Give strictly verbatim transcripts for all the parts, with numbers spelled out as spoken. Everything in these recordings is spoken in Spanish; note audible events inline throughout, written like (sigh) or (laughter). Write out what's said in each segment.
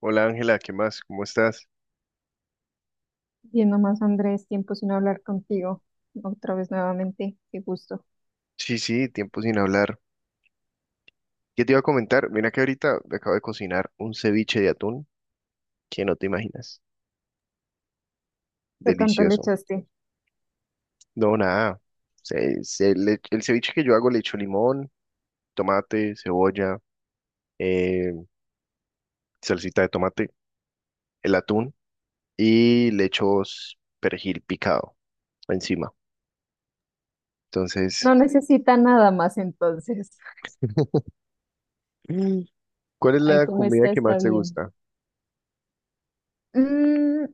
Hola Ángela, ¿qué más? ¿Cómo estás? Bien, nomás Andrés, tiempo sin hablar contigo. Otra vez nuevamente, qué gusto. Sí, sí, tiempo sin hablar. ¿Qué te iba a comentar? Mira que ahorita me acabo de cocinar un ceviche de atún que no te imaginas. ¿Qué tanto le Delicioso. echaste? No, nada. Se- se le- el ceviche que yo hago le echo limón, tomate, cebolla, eh, salsita de tomate, el atún y le echo s- perejil picado encima. Entonces, No necesita nada más entonces. (laughs) mm, ¿cuál es Ay, la cómo comida está, que está más te bien. gusta? Mm,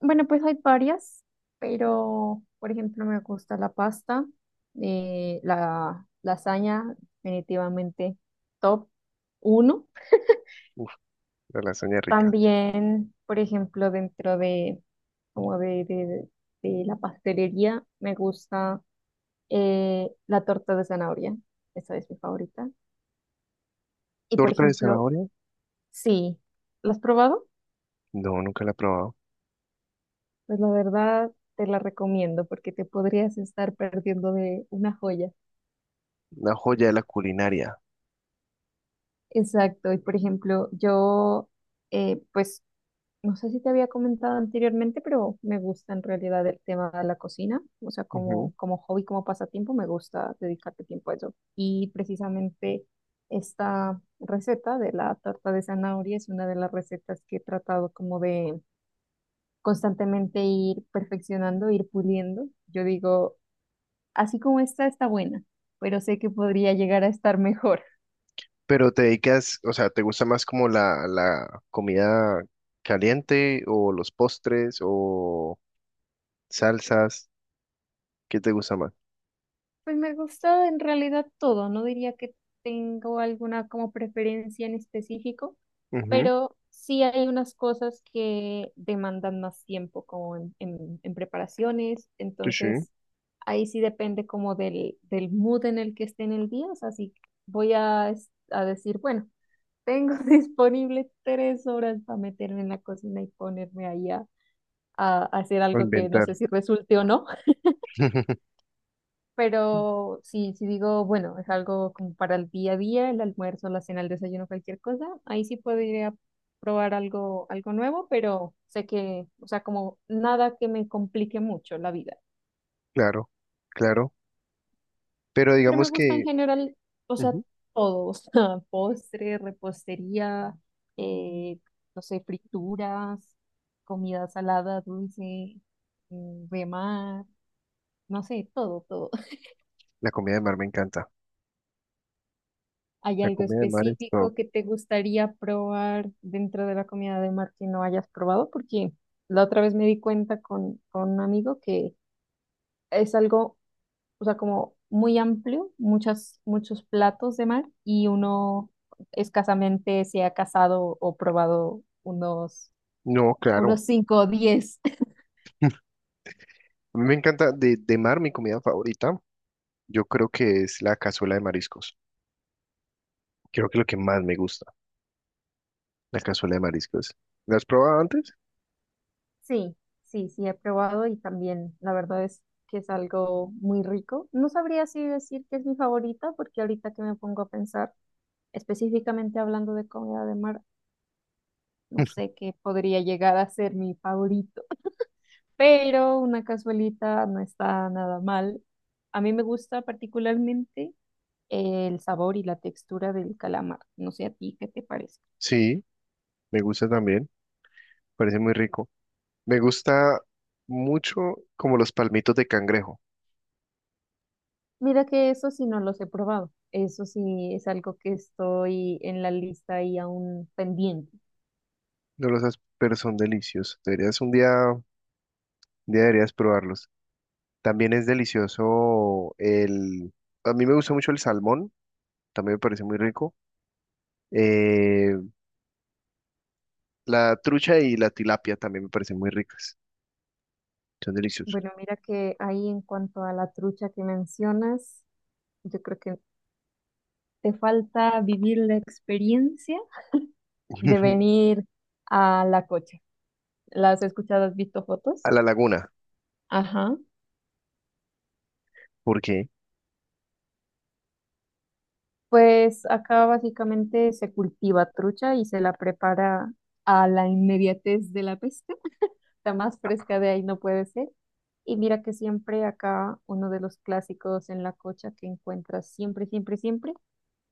bueno, pues hay varias, pero por ejemplo me gusta la pasta, eh, la lasaña, definitivamente top uno. Uf, la lasaña rica. También, por ejemplo, dentro de como de, de- de la pastelería, me gusta Eh, la torta de zanahoria, esa es mi favorita. Y por ¿Torta de ejemplo, zanahoria? sí, ¿la has probado? No, nunca la he probado. Pues la verdad te la recomiendo porque te podrías estar perdiendo de una joya. Una joya de la culinaria. Exacto, y por ejemplo, yo eh, pues no sé si te había comentado anteriormente, pero me gusta en realidad el tema de la cocina. O sea, Ujú. como, como hobby, como pasatiempo, me gusta dedicarle tiempo a eso. Y precisamente esta receta de la torta de zanahoria es una de las recetas que he tratado como de constantemente ir perfeccionando, ir puliendo. Yo digo, así como esta está buena, pero sé que podría llegar a estar mejor. Pero te dedicas, o sea, ¿te gusta más como la, la comida caliente o los postres o salsas? ¿Qué te gusta más? Pues me gusta en realidad todo, no diría que tengo alguna como preferencia en específico, Ujú. pero sí hay unas cosas que demandan más tiempo como en, en- en preparaciones, Sí, sí, entonces ahí sí depende como del, del mood en el que esté en el día, o sea, si voy a, es- a decir, bueno, tengo (laughs) disponible tres horas para meterme en la cocina y ponerme ahí a, a hacer a algo que no inventar. sé si resulte o no. (laughs) Pero si, si digo, bueno, es algo como para el día a día, el almuerzo, la cena, el desayuno, cualquier cosa, ahí sí podría probar algo, algo nuevo, pero sé que, o sea, como nada que me complique mucho la vida. Claro, claro. Pero Pero me digamos gusta en que general, o sea, ujú, todo, (laughs) o sea, postre, repostería, eh, no sé, frituras, comida salada, dulce, mm, de mar, no sé, todo, todo. la comida de mar me encanta. ¿Hay La algo comida de mar es top. específico que te gustaría probar dentro de la comida de mar que no hayas probado? Porque la otra vez me di cuenta con, con un amigo que es algo, o sea, como muy amplio, muchas, muchos platos de mar y uno escasamente se ha casado o probado unos, No, claro. unos cinco o diez. (laughs) A mí me encanta de, de mar, mi comida favorita, yo creo que es la cazuela de mariscos. Creo que es lo que más me gusta, la cazuela de mariscos. ¿La has probado antes? Sí, sí, sí, he probado y también la verdad es que es algo muy rico. No sabría si decir que es mi favorita porque ahorita que me pongo a pensar específicamente hablando de comida de mar, no (laughs) sé qué podría llegar a ser mi favorito, (laughs) pero una cazuelita no está nada mal. A mí me gusta particularmente el sabor y la textura del calamar. No sé a ti qué te parece. Sí, me gusta también. Parece muy rico. Me gusta mucho como los palmitos de cangrejo. Mira que eso sí no los he probado. Eso sí es algo que estoy en la lista y aún pendiente. No los has, pero son deliciosos. Deberías un día, un día deberías probarlos. También es delicioso el... A mí me gusta mucho el salmón, también me parece muy rico. Eh, la trucha y la tilapia también me parecen muy ricas. Son deliciosos. Bueno, mira que ahí en cuanto a la trucha que mencionas, yo creo que te falta vivir la experiencia de (laughs) venir a la cocha. ¿Las has escuchado? ¿Has visto A fotos? la laguna, Ajá. ¿por qué? Pues acá básicamente se cultiva trucha y se la prepara a la inmediatez de la pesca. La más fresca de ahí no puede ser. Y mira que siempre acá uno de los clásicos en la cocha que encuentras siempre, siempre, siempre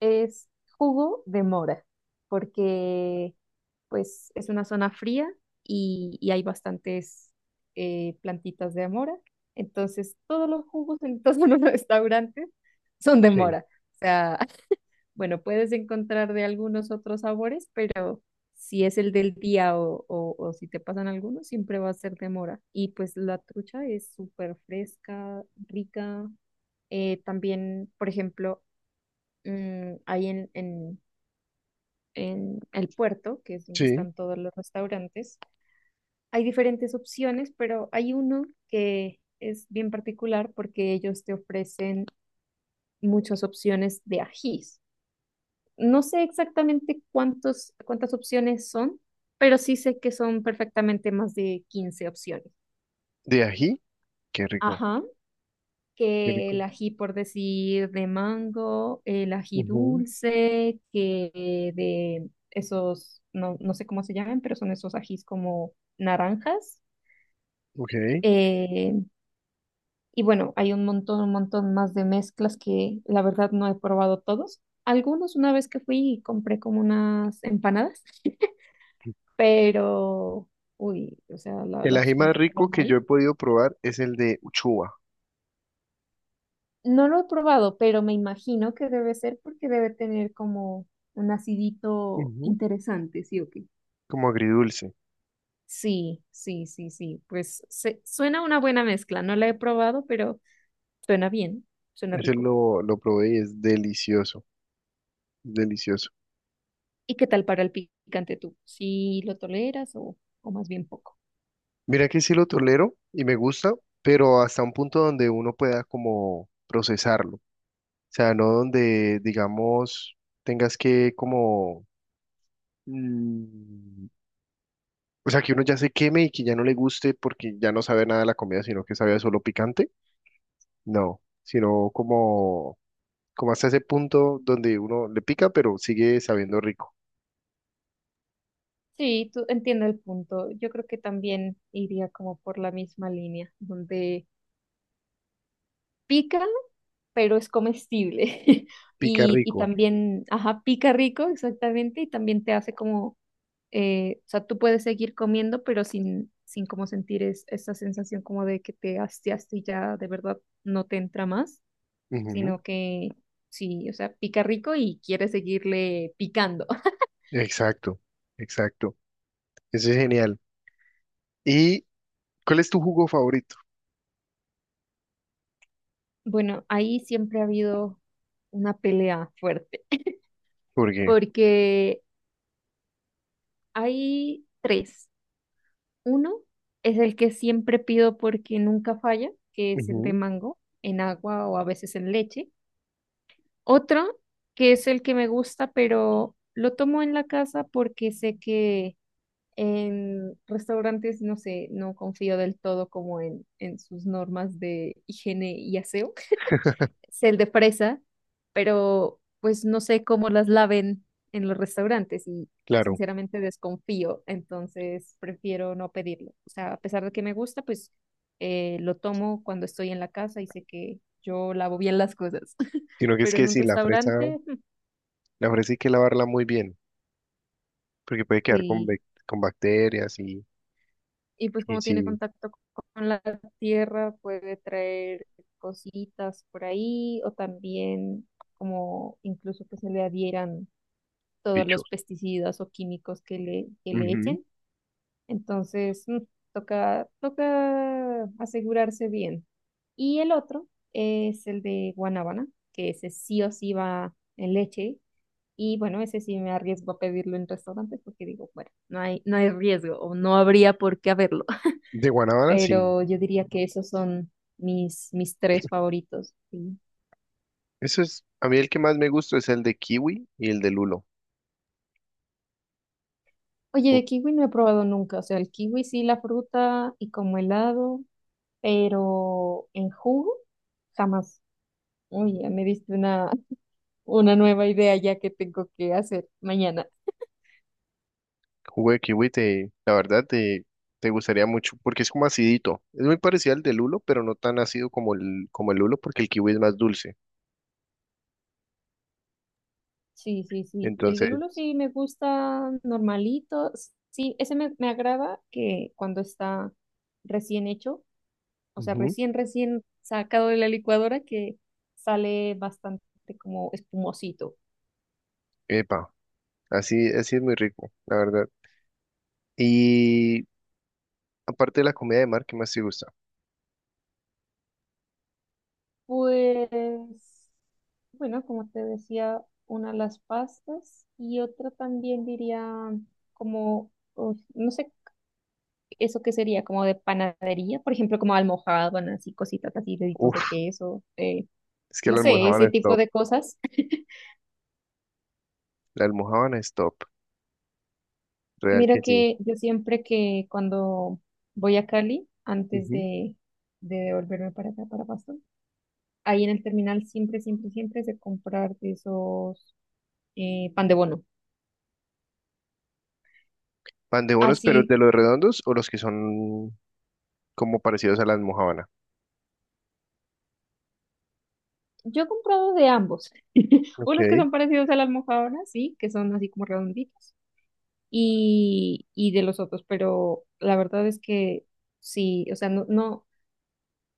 es jugo de mora, porque pues es una zona fría y, y hay bastantes eh, plantitas de mora. Entonces, todos los jugos en todos los (laughs) restaurantes son de Sí. mora. O sea, (laughs) bueno, puedes encontrar de algunos otros sabores, pero si es el del día o, o, o si te pasan algunos, siempre va a ser de mora. Y pues la trucha es súper fresca, rica. Eh, también, por ejemplo, mm, hay en, en, en el puerto, que es donde Sí. están todos los restaurantes, hay diferentes opciones, pero hay uno que es bien particular porque ellos te ofrecen muchas opciones de ajís. No sé exactamente cuántos, cuántas opciones son, pero sí sé que son perfectamente más de quince opciones. De ají, qué rico, Ajá, qué que el rico. ají, por decir, de mango, el ají Ujú. dulce, que de esos, no, no sé cómo se llaman, pero son esos ajís como naranjas. Ok. Eh, Y bueno, hay un montón, un montón más de mezclas que la verdad no he probado todos. Algunos una vez que fui compré como unas empanadas, (laughs) pero, uy, o sea, la, la El ají opción más que te dan rico que yo ahí. he podido probar es el de uchuva. No lo he probado, pero me imagino que debe ser porque debe tener como un acidito Ujú, interesante, ¿sí o qué? como agridulce. Sí, sí, sí, sí. Pues se- suena una buena mezcla. No la he probado, pero suena bien, suena Ese rico. lo, lo probé y es delicioso, delicioso. ¿Y qué tal para el picante tú? ¿Sí lo toleras o, o más bien poco? Mira que sí lo tolero y me gusta, pero hasta un punto donde uno pueda como procesarlo. O sea, no donde, digamos, tengas que como... mm, o sea, que uno ya se queme y que ya no le guste porque ya no sabe nada de la comida, sino que sabe a solo picante. No, sino como, como hasta ese punto donde uno le pica, pero sigue sabiendo rico. Sí, tú entiendo el punto. Yo creo que también iría como por la misma línea, donde pica, pero es comestible. (laughs) Pica Y, y rico. también, ajá, pica rico, exactamente, y también te hace como, eh, o sea, tú puedes seguir comiendo, pero sin, sin como sentir es- esa sensación como de que te hastiaste y ya de verdad no te entra más, sino que sí, o sea, pica rico y quieres seguirle picando. Exacto, exacto. Eso es genial. ¿Y cuál es tu jugo favorito? Bueno, ahí siempre ha habido una pelea fuerte, Porque, porque hay tres. Uno es el que siempre pido porque nunca falla, que es el de ujú, mango, en agua o a veces en leche. Otro, que es el que me gusta, pero lo tomo en la casa porque sé que en restaurantes, no sé, no confío del todo como en, en sus normas de higiene y aseo. Es el de fresa, pero pues no sé cómo las laven en los restaurantes y claro, sinceramente desconfío, entonces prefiero no pedirlo. O sea, a pesar de que me gusta, pues eh, lo tomo cuando estoy en la casa y sé que yo lavo bien las cosas, (laughs) sino que es pero que en un sí, la fresa, restaurante, (laughs) mm, la fresa hay que lavarla muy bien, porque puede quedar con, sí. bec- con bacterias y, Y pues y como tiene sí, contacto con la tierra, puede traer cositas por ahí o también como incluso que se le adhieran todos los bichos. pesticidas o químicos que le, que le Ujú. echen. Entonces, mm, toca, toca asegurarse bien. Y el otro es el de guanábana, que ese sí o sí va en leche. Y bueno, ese sí me arriesgo a pedirlo en restaurantes porque digo, bueno, no hay, no hay riesgo o no habría por qué haberlo. De (laughs) guanábana, sí. Pero yo diría que esos son mis, mis tres favoritos. Sí. Eso es, a mí el que más me gusta es el de kiwi y el de lulo. Oye, Uf, de kiwi no he probado nunca. O sea, el kiwi sí, la fruta y como helado, pero en jugo jamás. Uy, ya me diste una, (laughs) una nueva idea ya que tengo que hacer mañana. jugo de kiwi te, la verdad te, te gustaría mucho porque es como acidito. Es muy parecido al de lulo, pero no tan ácido como el, como el lulo porque el kiwi es más dulce. Sí, sí, sí. El de Entonces, lulo sí me gusta normalito. S- Sí, ese me, me agrada que cuando está recién hecho, o sea, ujú, recién, recién sacado de la licuadora, que sale bastante como espumosito. epa, así, así es muy rico, la verdad. Y aparte de la comida de mar, ¿qué más te gusta? Pues, bueno, como te decía, una las pastas y otra también diría como, uf, no sé, eso qué sería, como de panadería, por ejemplo, como almojábanas así cositas así, deditos Uf, de queso, eh, es que no la sé, almojábana ese es tipo top. de cosas. La almojábana es top, real Mira que sí. que yo siempre que cuando voy a Cali, antes Ujú. de, de devolverme para acá, para Pasto, ahí en el terminal siempre, siempre, siempre es de comprar de esos eh, pan de bono. Pan de bonos, pero Así de los redondos o los que son como parecidos a la almojábana. yo he comprado de ambos. (laughs) Ok, Unos que son parecidos a la almojábana, sí, que son así como redonditos, y, y de los otros, pero la verdad es que sí, o sea, no, no,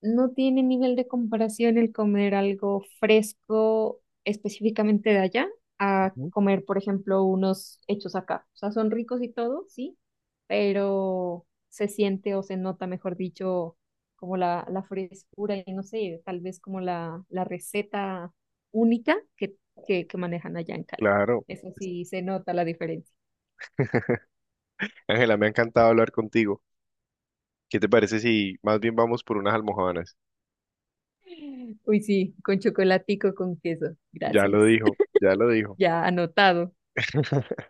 no tiene nivel de comparación el comer algo fresco específicamente de allá a ujú, comer, por ejemplo, unos hechos acá. O sea, son ricos y todo, sí, pero se siente o se nota, mejor dicho, como la, la frescura y no sé, tal vez como la, la receta única que, que, que manejan allá en Cali. claro. Eso sí, se nota la diferencia. Ángela, me ha encantado hablar contigo. ¿Qué te parece si más bien vamos por unas almojábanas? Uy, sí, con chocolatico, con queso. Ya lo Gracias. dijo, (laughs) ya lo dijo. Ya anotado. (laughs)